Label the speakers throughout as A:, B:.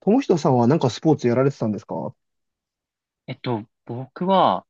A: 友人さんはなんかスポーツやられてたんですか？は
B: 僕は、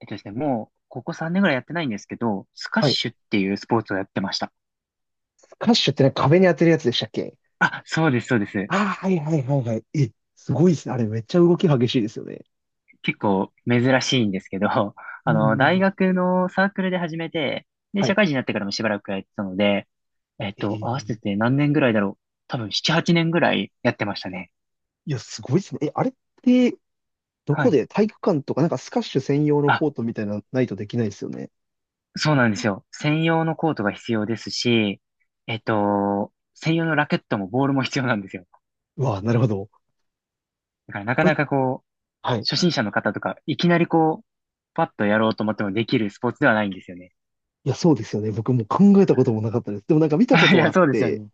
B: えっとですね、もう、ここ3年ぐらいやってないんですけど、スカッ
A: い。
B: シュっていうスポーツをやってました。
A: スカッシュってね、壁に当てるやつでしたっけ？
B: あ、そうです、そうです。
A: ああ、はいはいはいはい。え、すごいですね。あれめっちゃ動き激しいですよね。
B: 結構珍しいんですけど、
A: うんう
B: 大
A: ん。
B: 学のサークルで始めて、で、
A: は
B: 社
A: い。
B: 会人になってからもしばらくやってたので、
A: え
B: 合わせ
A: ー、
B: て何年ぐらいだろう。多分7、8年ぐらいやってましたね。
A: いや、すごいですね。え、あれって、ど
B: は
A: こ
B: い。
A: で体育館とか、なんかスカッシュ専用の
B: あ、
A: コートみたいなのないとできないですよね。
B: そうなんですよ。専用のコートが必要ですし、専用のラケットもボールも必要なんですよ。
A: うわあ、なるほど。
B: だからなか
A: これ
B: なか
A: はい。
B: 初心者の方とか、いきなりパッとやろうと思ってもできるスポーツではないんですよね。
A: いや、そうですよね。僕も考えたこともなかったです。でもなんか見たこ
B: い
A: とはあ
B: や、
A: っ
B: そうですよ
A: て、
B: ね。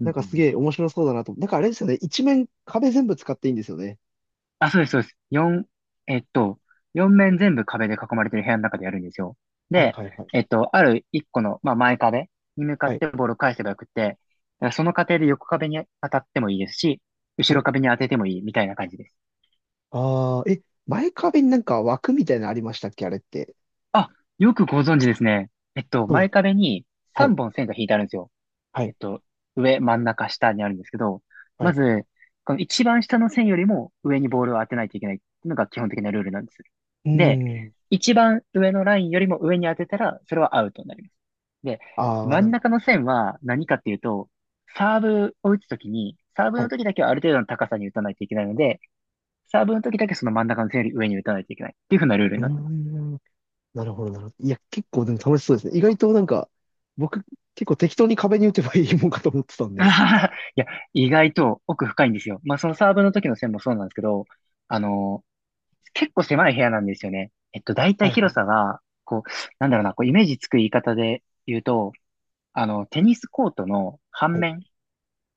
B: うんう
A: なん
B: ん
A: か
B: う
A: す
B: ん。
A: げえ面白そうだなと。なんかあれですよね。一面壁全部使っていいんですよね。
B: あ、そうです、そうです。四えっと、四面全部壁で囲まれてる部屋の中でやるんですよ。
A: はい
B: で、
A: はいはい。
B: ある一個の、まあ、前壁に向か
A: は
B: っ
A: い。
B: てボールを返せばよくって、だからその過程で横壁に当たってもいいですし、後
A: は
B: ろ
A: い。
B: 壁に当ててもいいみたいな感じです。
A: ああ、え、前壁になんか枠みたいなのありましたっけあれって？
B: あ、よくご存知ですね。
A: そうです。
B: 前壁に
A: はい。
B: 3本線が引いてあるんですよ。
A: は
B: えっ
A: い。
B: と、上、真ん中、下にあるんですけど、
A: は
B: ま
A: い。
B: ず、この一番下の線よりも上にボールを当てないといけないっていうのが基本的なルールなんです。
A: うー
B: で、
A: ん。
B: 一番上のラインよりも上に当てたら、それはアウトになります。で、
A: ああ、
B: 真
A: な
B: ん
A: るほ
B: 中の線は何かっていうと、サーブを打つときに、サーブ
A: ど。は
B: の時
A: い。
B: だけはある程度の高さに打たないといけないので、サーブの時だけその真ん中の線より上に打たないといけないっていう風なルール
A: う
B: に
A: ー
B: なってます。
A: ん。なるほど、なるほど。いや、結構でも楽しそうですね。意外となんか、僕、結構適当に壁に打てばいいもんかと思ってたん
B: あ
A: で。
B: ははいや、意外と奥深いんですよ。まあ、そのサーブの時の線もそうなんですけど、あの結構狭い部屋なんですよね。大体
A: はいは
B: 広
A: い。
B: さが、なんだろうな、イメージつく言い方で言うと、テニスコートの
A: は
B: 半
A: い。
B: 面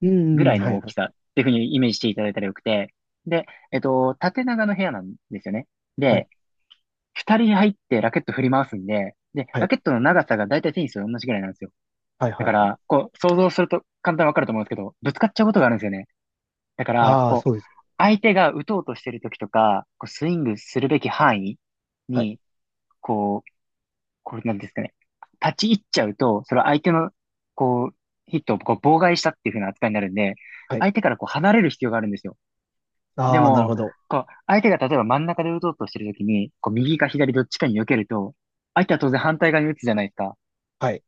A: うー
B: ぐ
A: ん。
B: らい
A: は
B: の
A: い
B: 大
A: は
B: き
A: い。
B: さっていうふうにイメージしていただいたらよくて、で、縦長の部屋なんですよね。
A: はい。
B: で、二人入ってラケット振り回すんで、で、
A: は
B: ラ
A: い。
B: ケットの長さが大体テニスと同じぐらいなんですよ。
A: はい
B: だ
A: はい
B: か
A: はい。
B: ら、想像すると簡単にわかると思うんですけど、ぶつかっちゃうことがあるんですよね。だから、
A: ああ、そうですね。
B: 相手が打とうとしてる時とか、スイングするべき範囲
A: はい。
B: にこう、これなんですかね。立ち入っちゃうと、それは相手の、こう、ヒットを妨害したっていう風な扱いになるんで、
A: はい。
B: 相手から離れる必要があるんですよ。で
A: ああ、なる
B: も、
A: ほど。
B: 相手が例えば真ん中で打とうとしてるときに、右か左どっちかに避けると、相手は当然反対側に打つじゃないですか。
A: はい。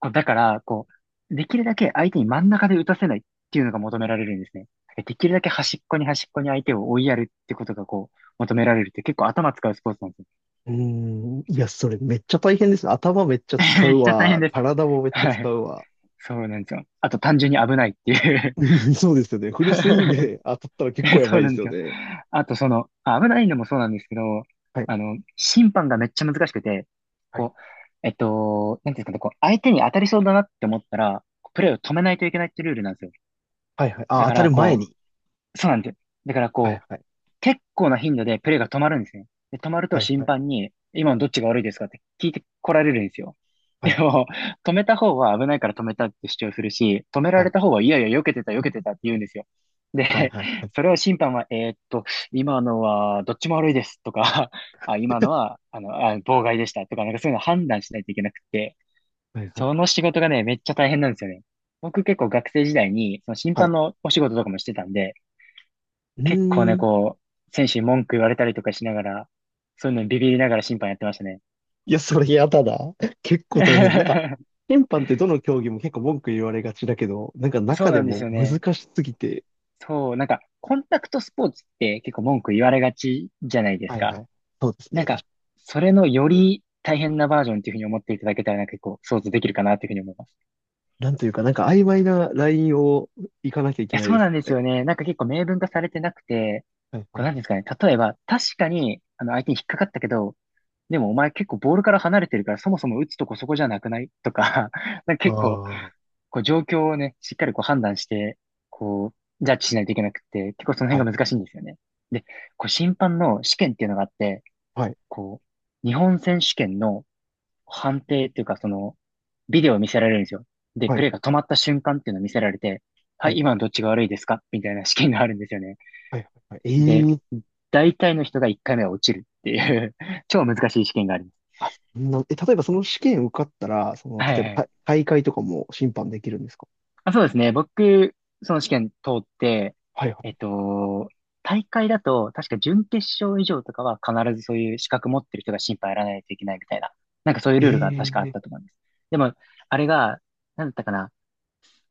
B: だから、できるだけ相手に真ん中で打たせないっていうのが求められるんですね。できるだけ端っこに端っこに相手を追いやるってことが求められるって結構頭使うスポーツなんですよ。
A: うーん。いや、それめっちゃ大変ですね。頭めっちゃ 使
B: めっ
A: う
B: ちゃ大変
A: わ。
B: です。
A: 体もめっちゃ
B: は
A: 使
B: い。
A: うわ。
B: そうなんですよ。あと単純に危ないっていう。
A: そうですよね。フルスイング で当たったら結構や
B: そ
A: ば
B: う
A: いで
B: なん
A: す
B: です
A: よ
B: よ。
A: ね。
B: あとその、危ないのもそうなんですけど、
A: はい、
B: 審判がめっちゃ難しくて、
A: はい、
B: こう、なんていうんですかね、相手に当たりそうだなって思ったら、プレーを止めないといけないってルールなんですよ。
A: はい、はい。あ、
B: だ
A: 当
B: か
A: たる
B: ら、
A: 前に。
B: そうなんですよ。だから、
A: はい、はい、
B: 結構な頻度でプレーが止まるんですね。で、止まる
A: は
B: と
A: い、
B: 審
A: はい、
B: 判に、今のどっちが悪いですかって聞いてこられるんですよ。
A: は
B: で
A: い、
B: も、止めた方は危ないから止めたって主張するし、止めら
A: は
B: れ
A: い、
B: た方は、いやいや、避けてた、避けてたって言うんですよ。
A: はい、
B: で、
A: はい、
B: それを審判は、今のはどっちも悪いですとか、あ、今のは、妨害でしたとか、なんかそういうの判断しないといけなくて、
A: はい、は
B: その
A: い、
B: 仕事がね、めっちゃ大変なんですよね。僕結構学生時代に、その審
A: はい。
B: 判のお仕事とかもしてたんで、
A: う
B: 結構ね、
A: ーん。
B: 選手に文句言われたりとかしながら、そういうのにビビりながら審判やってましたね。
A: いや、それやだな。結構大変。なんか、審判ってどの競技も結構文句言われがちだけど、なんか
B: そ
A: 中
B: う
A: で
B: なんです
A: も
B: よ
A: 難
B: ね。
A: しすぎて、
B: そう、なんか、コンタクトスポーツって結構文句言われがちじゃないです
A: はい、は
B: か。
A: い。そうです
B: なん
A: ね。確
B: か、
A: か
B: それのより大変なバージョンっていうふうに思っていただけたら、なんか結構想像できるかなっていうふうに思います。
A: になんというか、なんか曖昧なラインを行かなきゃいけ
B: え、
A: ない
B: そ
A: で
B: う
A: す
B: なん
A: よ
B: ですよ
A: ね。
B: ね。なんか結構明文化されてなくて、
A: はい、は
B: こ
A: い、
B: うなん
A: は
B: ですか
A: い。
B: ね。例えば、確かに、相手に引っかかったけど、でもお前結構ボールから離れてるから、そもそも打つとこそこじゃなくないとか、なんか
A: あ
B: 結構、
A: あ。
B: 状況をね、しっかり判断して、こジャッジしないといけなくて、結構その
A: は
B: 辺
A: い、
B: が難しいんですよね。で、審判の試験っていうのがあって、
A: はい、
B: こ日本選手権の判定っていうか、ビデオを見せられるんですよ。で、
A: は
B: プ
A: い、
B: レーが止まった瞬間っていうのを見せられて、は
A: は
B: い、
A: い、
B: 今のどっちが悪いですかみたいな試験があるんですよね。
A: はい、はい。え
B: で、
A: え、
B: 大体の人が1回目は落ちるっていう 超難しい試験があります。
A: あ、そんな、え、例えばその試験受かったら、その、例
B: はい
A: えば
B: はい。
A: 大大会とかも審判できるんですか？
B: あ、そうですね。僕、その試験通って、
A: はいは
B: えっと、大会だと、確か準決勝以上とかは必ずそういう資格持ってる人が審判やらないといけないみたいな、なんかそういうルールが確かあっ
A: い。ええ。
B: たと思います。でも、あれが、なんだったかな、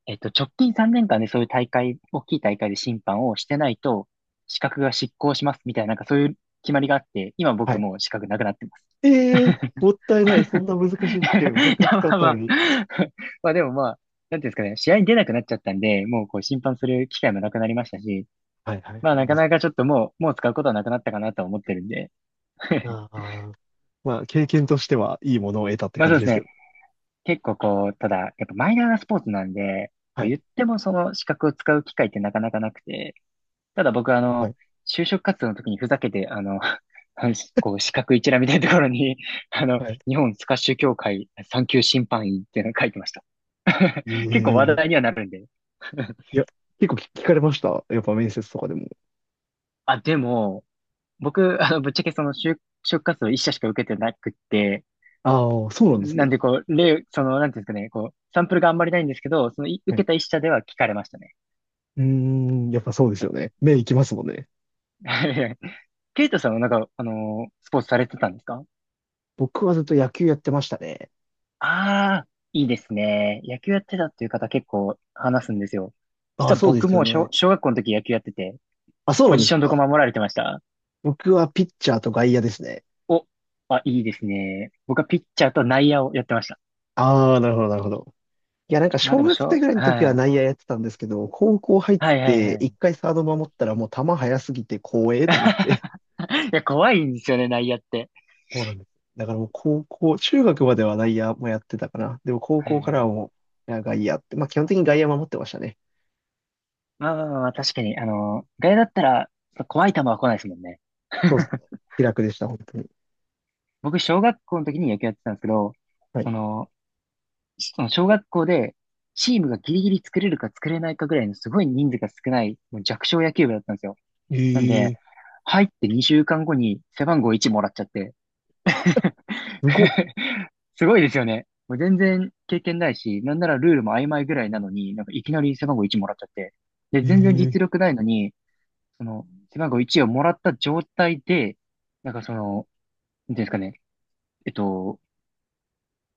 B: 直近3年間でそういう大会、大きい大会で審判をしてないと、資格が失効しますみたいな、なんかそういう決まりがあって、今
A: は
B: 僕
A: い。
B: もう資格なくなってます。
A: ええ、もったいない。そんな難しい試験をせっ
B: い
A: か
B: や、
A: く
B: ま
A: 取っ
B: あ
A: た
B: ま
A: の
B: あ。
A: に。
B: まあでもまあ、なんていうんですかね、試合に出なくなっちゃったんで、もう審判する機会もなくなりましたし、
A: はいはい
B: まあな
A: は
B: か
A: い。
B: なかちょっともう使うことはなくなったかなとは思ってるんで。
A: まあ、あー、まあ、経験としてはいいものを得たって
B: まあ
A: 感
B: そう
A: じ
B: で
A: で
B: す
A: すよ。
B: ね。結構ただ、やっぱマイナーなスポーツなんで、
A: は
B: こう
A: い。
B: 言ってもその資格を使う機会ってなかなかなくて、ただ僕は
A: はい。
B: 就職活動の時にふざけて、あの資格一覧みたいなところに、
A: はい。
B: 日本スカッシュ協会3級審判員っていうのを書いてました。結構話
A: ええ、
B: 題にはなるんで。
A: いや、結構聞聞かれました。やっぱ面接とかでも。
B: あ、でも、僕、ぶっちゃけ就活動一社しか受けてなくって、
A: ああ、そうなんです
B: なん
A: ね。
B: でなんていうんですかね、サンプルがあんまりないんですけど、
A: は
B: 受
A: い。
B: けた一社では聞かれましたね。
A: うーん、やっぱそうです
B: あ。
A: よね。目いきますもんね。
B: ケイトさんはなんか、スポーツされてたんですか？
A: 僕はずっと野球やってましたね。
B: ああー、いいですね。野球やってたっていう方結構話すんですよ。
A: あ
B: 実
A: あ、
B: は
A: そうで
B: 僕
A: すよ
B: も
A: ね。
B: 小学校の時野球やってて、
A: あ、そう
B: ポ
A: なん
B: ジ
A: です
B: ションどこ
A: か。
B: 守られてました？
A: 僕はピッチャーと外野ですね。
B: お、あ、いいですね。僕はピッチャーと内野をやってました。
A: ああ、なるほど、なるほど。いや、なんか
B: まあ
A: 小
B: でも、
A: 学生ぐらいの時
B: は
A: は
B: い。
A: 内野やってたんですけど、高校入っ
B: はいはい
A: て
B: は
A: 一
B: い。
A: 回サード守ったらもう球速すぎて光栄と思って。
B: いや、怖いんですよね、内野って。
A: そうなんです。だからもう高校、中学までは内野もやってたかな。でも高
B: はい
A: 校
B: はい
A: からは
B: はい。
A: もう、いや外野って、まあ基本的に外野守ってましたね。
B: まあまあまあまあ、確かに、あの、外野だったら、怖い球は来ないですもんね。
A: そうですね。気楽でした、本当に。
B: 僕、小学校の時に野球やってたんですけど、
A: はい。
B: その、その小学校で、チームがギリギリ作れるか作れないかぐらいのすごい人数が少ない、もう弱小野球部だったんですよ。
A: え
B: なん
A: え
B: で、
A: ー、
B: 入って2週間後に背番号1もらっちゃって。
A: すごっ。
B: すごいですよね。もう全然経験ないし、なんならルールも曖昧ぐらいなのに、なんかいきなり背番号1もらっちゃって。で、
A: ええ
B: 全然
A: ー、
B: 実力ないのに、その、背番号1をもらった状態で、なんかその、なんていうんですかね、えっと、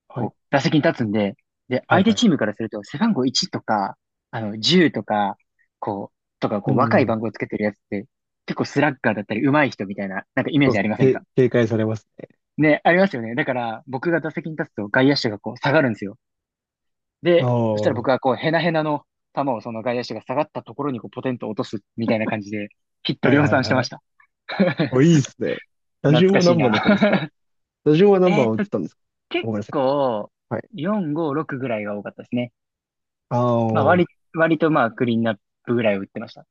A: は
B: こ
A: い、
B: う、打席に立つんで、で、
A: はい、
B: 相手
A: はい。
B: チームからすると、背番号1とか、あの、10とか、こう、とか、
A: う
B: こう、若い
A: ん。
B: 番号つけてるやつって、結構スラッガーだったり、上手い人みたいな、なんかイメー
A: そうで
B: ジ
A: す
B: ありませんか？
A: ね。け警戒されますね。
B: ね、ありますよね。だから、僕が打席に立つと外野手がこう下がるんですよ。
A: ああ、
B: で、そしたら
A: は
B: 僕はこう、ヘナヘナの球をその外野手が下がったところにこう、ポテンと落とすみたいな感じで、ヒッ
A: い、
B: ト
A: はい、
B: 量産して
A: は
B: まし
A: い。
B: た。
A: お、いい ですね。打
B: 懐
A: 順
B: か
A: は
B: しい
A: 何番
B: な。
A: だったんですか？打順は 何
B: えー
A: 番
B: っ
A: を打っ
B: と、
A: てたんですか？あ、
B: 結
A: ごめんなさい。
B: 構、
A: はい。
B: 4、5、6ぐらいが多かったですね。
A: あ
B: まあ、
A: あ、
B: 割とまあ、クリーンナップぐらいを打ってました。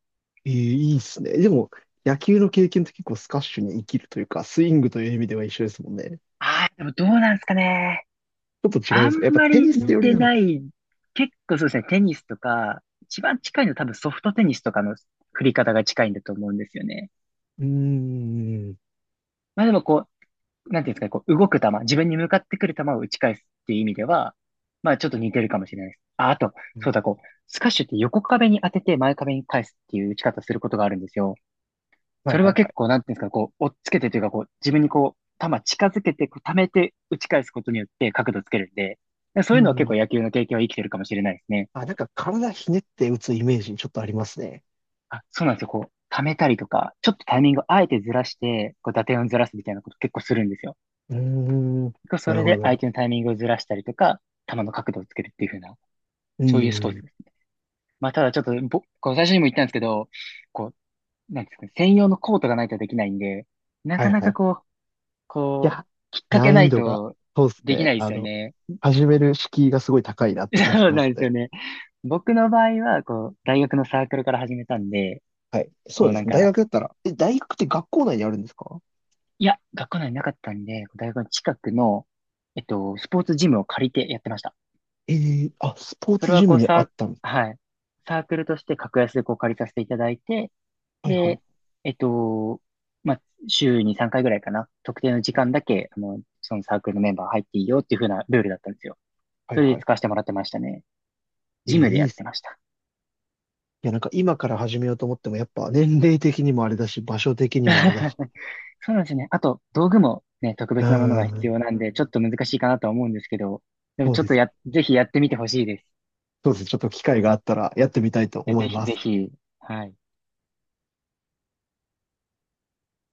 A: いいいいですね。でも、野球の経験って結構スカッシュに生きるというか、スイングという意味では一緒ですもんね。
B: ああ、でもどうなんですかね。
A: ちょっと違うん
B: あ
A: で
B: ん
A: すかやっぱ
B: ま
A: テ
B: り
A: ニス
B: 似
A: 寄り
B: て
A: なの
B: な
A: か
B: い。結構そうですね、テニスとか、一番近いの多分ソフトテニスとかの振り方が近いんだと思うんですよね。
A: な。うーん。
B: まあでもこう、なんていうんですかね、こう動く球、自分に向かってくる球を打ち返すっていう意味では、まあちょっと似てるかもしれないです。あ、あと、そうだ、こう、スカッシュって横壁に当てて前壁に返すっていう打ち方することがあるんですよ。
A: はい
B: それ
A: はい
B: は
A: は
B: 結
A: い。
B: 構、なんていうんですかね、こう、追っつけてというか、こう、自分にこう、球近づけて、こう、溜めて打ち返すことによって角度つけるんで、そ
A: う
B: ういうのは結構
A: ん。
B: 野球の経験は生きてるかもしれないですね。
A: あ、なんか体ひねって打つイメージにちょっとありますね。
B: あ、そうなんですよ。こう、溜めたりとか、ちょっとタイミングをあえてずらして、こう、打点をずらすみたいなこと結構するんですよ。
A: うーん。
B: 構そ
A: なる
B: れ
A: ほど
B: で
A: なるほ
B: 相
A: ど。
B: 手のタイミングをずらしたりとか、球の角度をつけるっていう風な、
A: う
B: そういうスポーツ
A: ん。
B: です。まあ、ただちょっとこう最初にも言ったんですけど、こう、なんですかね、専用のコートがないとできないんで、な
A: は
B: か
A: い
B: な
A: は
B: か
A: い。
B: こう、
A: い
B: こう、
A: や、
B: きっかけ
A: 難
B: な
A: 易
B: い
A: 度が、
B: と
A: そうです
B: できな
A: ね。
B: いで
A: あ
B: すよ
A: の、
B: ね。
A: 始める敷居がすごい高いなって 感じし
B: そう
A: ま
B: な
A: す
B: んですよ
A: ね。
B: ね。僕の場合は、こう、大学のサークルから始めたんで、
A: はい。そ
B: こ
A: う
B: う
A: で
B: な
A: す
B: ん
A: ね。大
B: か、
A: 学だったら。え、大学って学校内にあるんですか？
B: いや、学校内になかったんで、こう大学の近くの、スポーツジムを借りてやってました。
A: えー、あ、スポー
B: それ
A: ツ
B: は
A: ジム
B: こう
A: にあったん？
B: はい。サークルとして格安でこう借りさせていただいて、
A: はいはい。
B: で、えっと、まあ、週に3回ぐらいかな。特定の時
A: はい
B: 間だけ、あの、そのサークルのメンバー入っていいよっていう風なルールだったんですよ。
A: はい
B: それで
A: はい。
B: 使わせてもらってましたね。
A: えー、
B: ジムで
A: い
B: や
A: いっ
B: って
A: す。
B: ました。
A: いや、なんか今から始めようと思っても、やっぱ年齢的にもあれだし、場所的にもあれだし。
B: そうなんですよね。あと、道具もね、特
A: うー
B: 別なものが必
A: ん。
B: 要なんで、ちょっと難しいかなとは思うんですけど、でも
A: そう
B: ちょっ
A: で
B: と
A: す。
B: ぜひやってみてほしいです。
A: そうです。ちょっと機会があったらやってみたいと
B: いや
A: 思い
B: ぜひ
A: ま
B: ぜ
A: す。
B: ひ、はい。